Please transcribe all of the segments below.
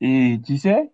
Et tu sais,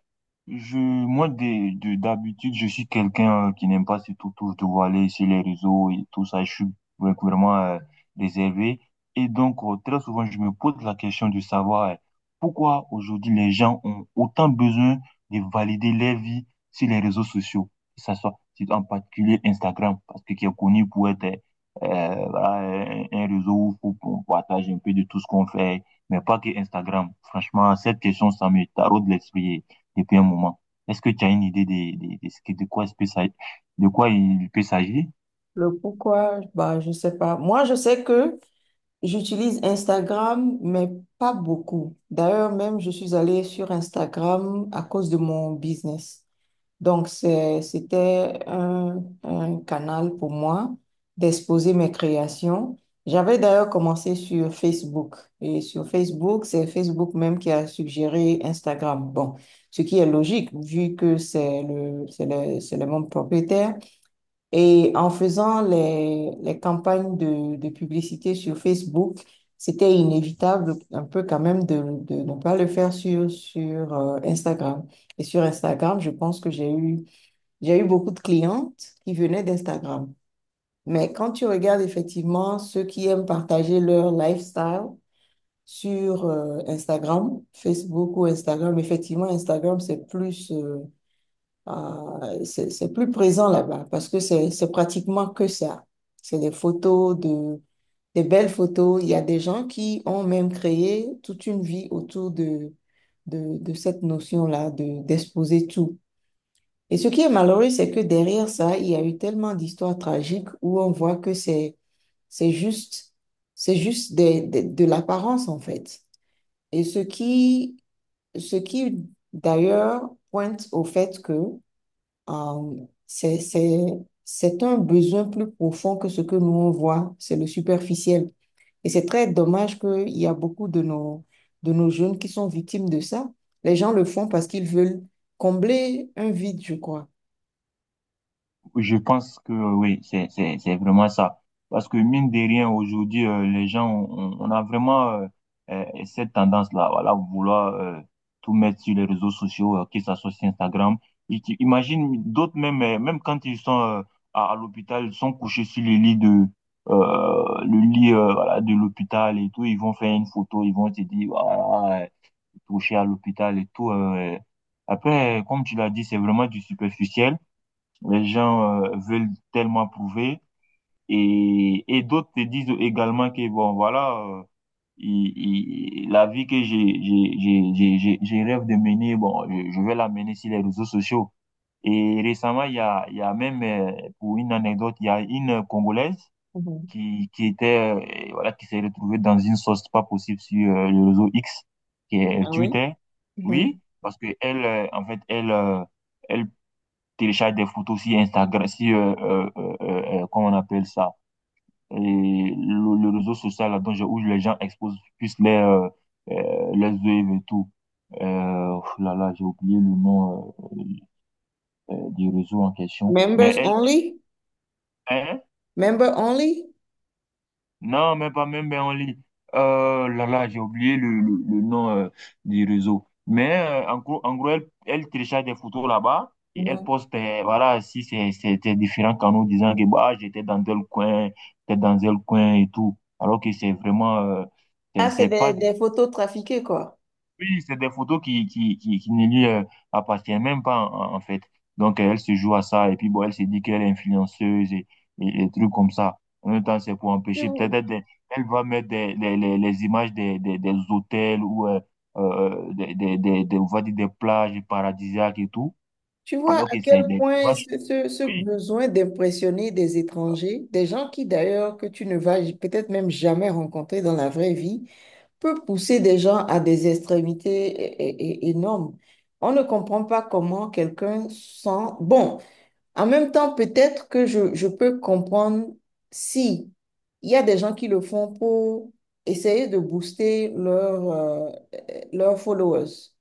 je, moi, d'habitude, je suis quelqu'un qui n'aime pas surtout tout de aller sur les réseaux et tout ça. Je suis vraiment réservé. Et donc, très souvent, je me pose la question de savoir pourquoi aujourd'hui les gens ont autant besoin de valider leur vie sur les réseaux sociaux, que ça soit c'est en particulier Instagram, parce que qui est connu pour être voilà, un réseau où on partage un peu de tout ce qu'on fait mais pas que Instagram. Franchement, cette question, ça me taraude l'esprit depuis un moment. Est-ce que tu as une idée de quoi, de quoi il peut s'agir? Le pourquoi, bah, je sais pas. Moi, je sais que j'utilise Instagram, mais pas beaucoup. D'ailleurs, même, je suis allée sur Instagram à cause de mon business. Donc, c'était un canal pour moi d'exposer mes créations. J'avais d'ailleurs commencé sur Facebook. Et sur Facebook, c'est Facebook même qui a suggéré Instagram. Bon, ce qui est logique, vu que c'est le même propriétaire. Et en faisant les campagnes de publicité sur Facebook, c'était inévitable un peu quand même de ne pas le faire sur Instagram. Et sur Instagram, je pense que j'ai eu beaucoup de clientes qui venaient d'Instagram. Mais quand tu regardes effectivement ceux qui aiment partager leur lifestyle sur Instagram, Facebook ou Instagram, effectivement, Instagram, c'est c'est plus présent là-bas parce que c'est pratiquement que ça. C'est des photos, de, des belles photos. Il y a des gens qui ont même créé toute une vie autour de, de cette notion-là, de, d'exposer tout. Et ce qui est malheureux, c'est que derrière ça, il y a eu tellement d'histoires tragiques où on voit que c'est juste, c'est juste de l'apparence en fait. Et ce qui d'ailleurs pointe au fait que euh, c'est, c'est, c'est un besoin plus profond que ce que nous on voit, c'est le superficiel. Et c'est très dommage qu'il y a beaucoup de de nos jeunes qui sont victimes de ça. Les gens le font parce qu'ils veulent combler un vide, je crois. Je pense que oui, c'est vraiment ça. Parce que mine de rien, aujourd'hui, les gens, on a vraiment cette tendance-là, voilà, vouloir tout mettre sur les réseaux sociaux, que ça soit sur Instagram. Imagine d'autres même, même quand ils sont à l'hôpital, ils sont couchés sur les lits de le lit voilà, de l'hôpital et tout, ils vont faire une photo, ils vont te dire voilà, touché à l'hôpital et tout. Après, comme tu l'as dit, c'est vraiment du superficiel. Les gens veulent tellement prouver et et, d'autres te disent également que bon voilà il- la vie que j'ai rêve de mener bon je vais la mener sur les réseaux sociaux et récemment il y a même pour une anecdote il y a une Congolaise Mhm. qui était voilà qui s'est retrouvée dans une sauce pas possible sur le réseau X qui Ah est oui? Twitter Mhm. oui parce que elle en fait elle elle télécharge des photos sur Instagram, sur, comment on appelle ça, et le réseau social là, dont je- où les gens exposent plus les œuvres et tout. Oh là là, j'ai oublié le nom du réseau en question. Mais Members elle, only? hein? Member only? Non, même pas, même ben, en ligne. Là, là, j'ai oublié le nom du réseau. Mais en gros elle, elle télécharge des photos là-bas et elle Mhm. poste, voilà, si c'est c'est différents canaux disant que bah, j'étais dans tel coin, j'étais dans tel coin et tout. Alors que c'est vraiment, c'est Ah, c'est c'est pas, des photos trafiquées, quoi. oui, c'est des photos qui ne lui appartiennent même pas, en fait. Donc, elle se joue à ça, et puis, bon, elle se dit qu'elle est influenceuse et et trucs comme ça. En même temps, c'est pour Tu, empêcher. Peut-être elle, elle va mettre les images des hôtels ou on va dire des plages paradisiaques et tout, Tu vois alors à que c'est quel des point images. Ce Oui, besoin d'impressionner des étrangers, des gens qui d'ailleurs que tu ne vas peut-être même jamais rencontrer dans la vraie vie, peut pousser des gens à des extrémités énormes. On ne comprend pas comment quelqu'un sent... Bon, en même temps, peut-être que je peux comprendre si il y a des gens qui le font pour essayer de booster leur, leurs followers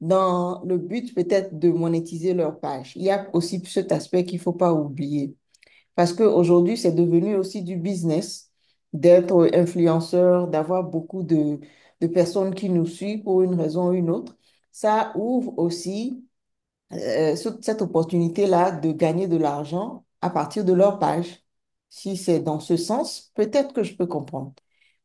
dans le but peut-être de monétiser leur page. Il y a aussi cet aspect qu'il ne faut pas oublier. Parce qu'aujourd'hui, c'est devenu aussi du business d'être influenceur, d'avoir beaucoup de personnes qui nous suivent pour une raison ou une autre. Ça ouvre aussi euh, cette opportunité-là de gagner de l'argent à partir de leur page. Si c'est dans ce sens, peut-être que je peux comprendre.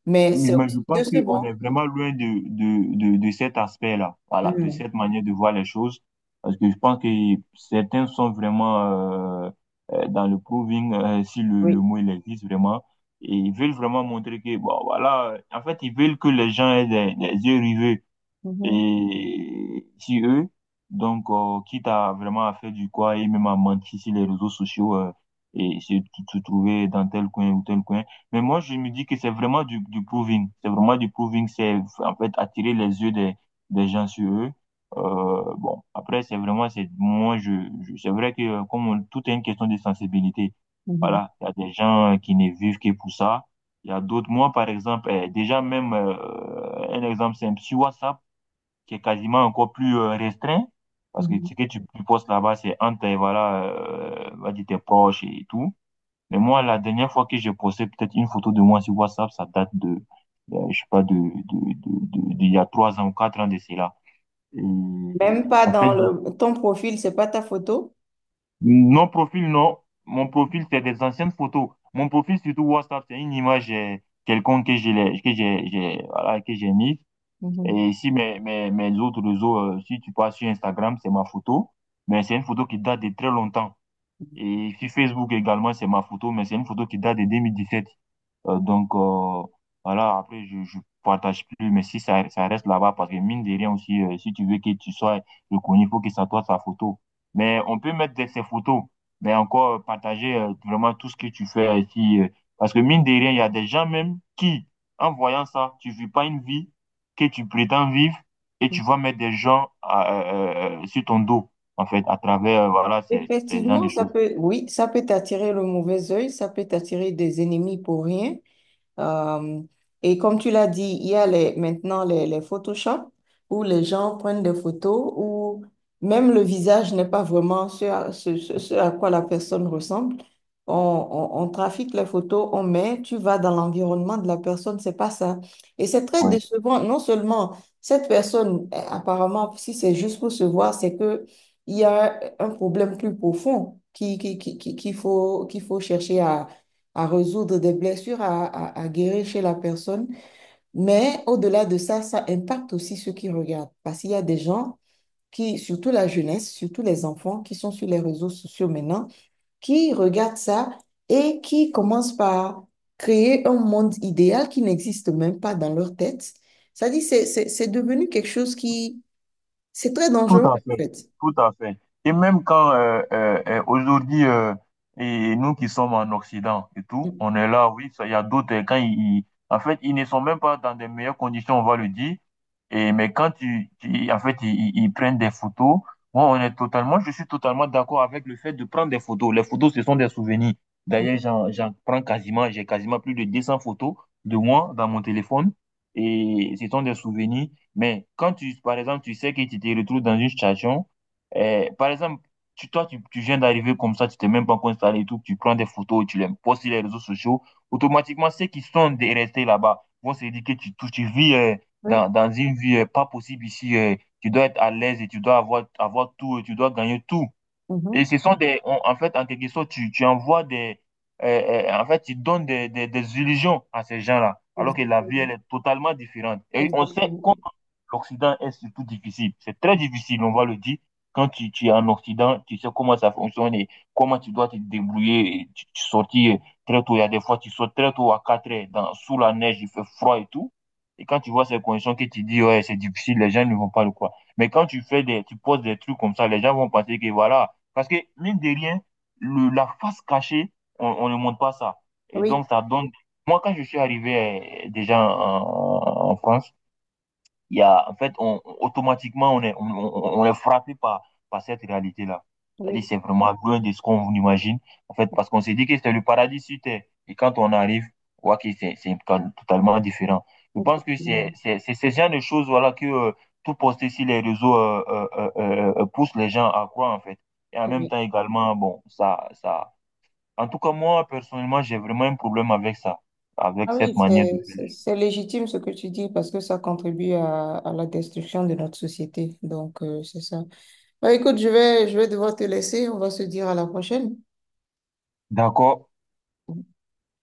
Mais Mais c'est mais je aussi pense qu'on est décevant. vraiment loin de cet aspect-là, voilà, de Mhm. cette manière de voir les choses, parce que je pense que certains sont vraiment dans le proving, si le Oui. mot il existe vraiment, et ils veulent vraiment montrer que, bon, voilà, en fait, ils veulent que les gens aient des yeux rivés Mhm. et si eux, donc, quitte à vraiment à faire du quoi et même à mentir sur les réseaux sociaux et se trouver dans tel coin ou tel coin. Mais moi, je me dis que c'est vraiment du proving. C'est vraiment du proving. C'est en fait attirer les yeux des gens sur eux. Bon, après, c'est vraiment, c'est moi, c'est vrai que tout est une question de sensibilité. Mhm. Voilà, il y a des gens qui ne vivent que pour ça. Il y a d'autres, moi, par exemple, déjà même, un exemple simple, sur WhatsApp, qui est quasiment encore plus restreint, parce que Mhm. ce que tu postes là-bas, c'est entre, voilà, on va dire tes proches et tout. Mais moi, la dernière fois que j'ai posté peut-être une photo de moi sur WhatsApp, ça date de, je sais pas, d'il y a trois ans ou quatre ans de cela. Et Même pas en dans fait, le, ton profil, c'est pas ta photo. non profil, non. Mon profil, c'est des anciennes photos. Mon profil, surtout WhatsApp, c'est une image quelconque voilà, que j'ai mise. Mhm. Et ici, mes autres réseaux, si tu passes sur Instagram, c'est ma photo, mais c'est une photo qui date de très longtemps. Et sur Facebook également, c'est ma photo, mais c'est une photo qui date de 2017. Donc, voilà, après, je partage plus, mais si ça, ça reste là-bas, parce que mine de rien aussi, si tu veux que tu sois reconnu, il faut que ça soit sa photo. Mais on peut mettre ces photos, mais encore partager vraiment tout ce que tu fais ici. Parce que mine de rien, il y a des gens même qui, en voyant ça, tu vis pas une vie que tu prétends vivre et tu vas mettre des gens sur ton dos, en fait, à travers, voilà, ces gens Effectivement, de ça choses. peut, oui, ça peut t'attirer le mauvais œil, ça peut t'attirer des ennemis pour rien. Euh, et comme tu l'as dit, il y a les, maintenant les Photoshop où les gens prennent des photos où même le visage n'est pas vraiment ce à quoi la personne ressemble. On, on trafique les photos, on met, tu vas dans l'environnement de la personne, c'est pas ça. Et c'est très Oui, décevant. Non seulement cette personne, eh, apparemment, si c'est juste pour se voir, c'est que il y a un problème plus profond qu'il faut chercher à résoudre des blessures, à, à guérir chez la personne. Mais au-delà de ça, ça impacte aussi ceux qui regardent. Parce qu'il y a des gens qui, surtout la jeunesse, surtout les enfants qui sont sur les réseaux sociaux maintenant, qui regardent ça et qui commencent par créer un monde idéal qui n'existe même pas dans leur tête. Ça dit, c'est devenu quelque chose qui, c'est très tout dangereux à en fait, fait. tout à fait. Et même quand aujourd'hui, et nous qui sommes en Occident et tout, Mm. on est là, oui, ça, il y a d'autres, quand en fait, ils, ne sont même pas dans des meilleures conditions, on va le dire, et, mais quand en fait, ils prennent des photos, moi, on est totalement, je suis totalement d'accord avec le fait de prendre des photos. Les photos, ce sont des souvenirs. D'ailleurs, j'en prends quasiment, j'ai quasiment plus de 200 photos de moi dans mon téléphone, et ce sont des souvenirs. Mais quand tu, par exemple, tu sais que tu te retrouves dans une situation, par exemple, tu, toi, tu viens d'arriver comme ça, tu t'es même pas encore installé et tout, tu prends des photos, tu les postes sur les réseaux sociaux, automatiquement, ceux qui sont restés là-bas vont se dire que tu vis Oui, dans une vie pas possible ici, tu dois être à l'aise et tu dois avoir, avoir tout, et tu dois gagner tout. Et mhm. ce sont des, en fait, en quelque sorte, tu envoies des, euh, en fait, tu donnes des illusions à ces gens-là, alors que la vie, elle Exactement. est totalement différente. Et on sait Exactement. l'Occident est surtout difficile. C'est très difficile, on va le dire. Quand tu es en Occident, tu sais comment ça fonctionne et comment tu dois te débrouiller. Et tu sortis très tôt. Il y a des fois, tu sors très tôt à 4 heures, dans, sous la neige, il fait froid et tout. Et quand tu vois ces conditions que tu dis, ouais, c'est difficile, les gens ne vont pas le croire. Mais quand tu fais des, tu poses des trucs comme ça, les gens vont penser que voilà. Parce que, mine de rien, la face cachée, on ne montre pas ça. Et Oui, donc, ça donne, moi, quand je suis arrivé déjà en France, il y a, en fait, automatiquement, on est, on est frappé par, par cette réalité-là. C'est-à-dire, oui, c'est vraiment loin de ce qu'on imagine. En fait, parce qu'on s'est dit que c'était le paradis sur Terre. Et quand on arrive, on voit que c'est, totalement différent. Je pense que effectivement. C'est ce genre de choses, voilà, que tout poster sur les réseaux pousse les gens à croire, en fait. Et en même Oui. temps, également, bon, ça, ça. En tout cas, moi, personnellement, j'ai vraiment un problème avec ça, avec Ah oui, cette manière de faire les choses. c'est légitime ce que tu dis parce que ça contribue à la destruction de notre société. Donc, c'est ça. Bah, écoute, je vais devoir te laisser. On va se dire à la prochaine. D'accord.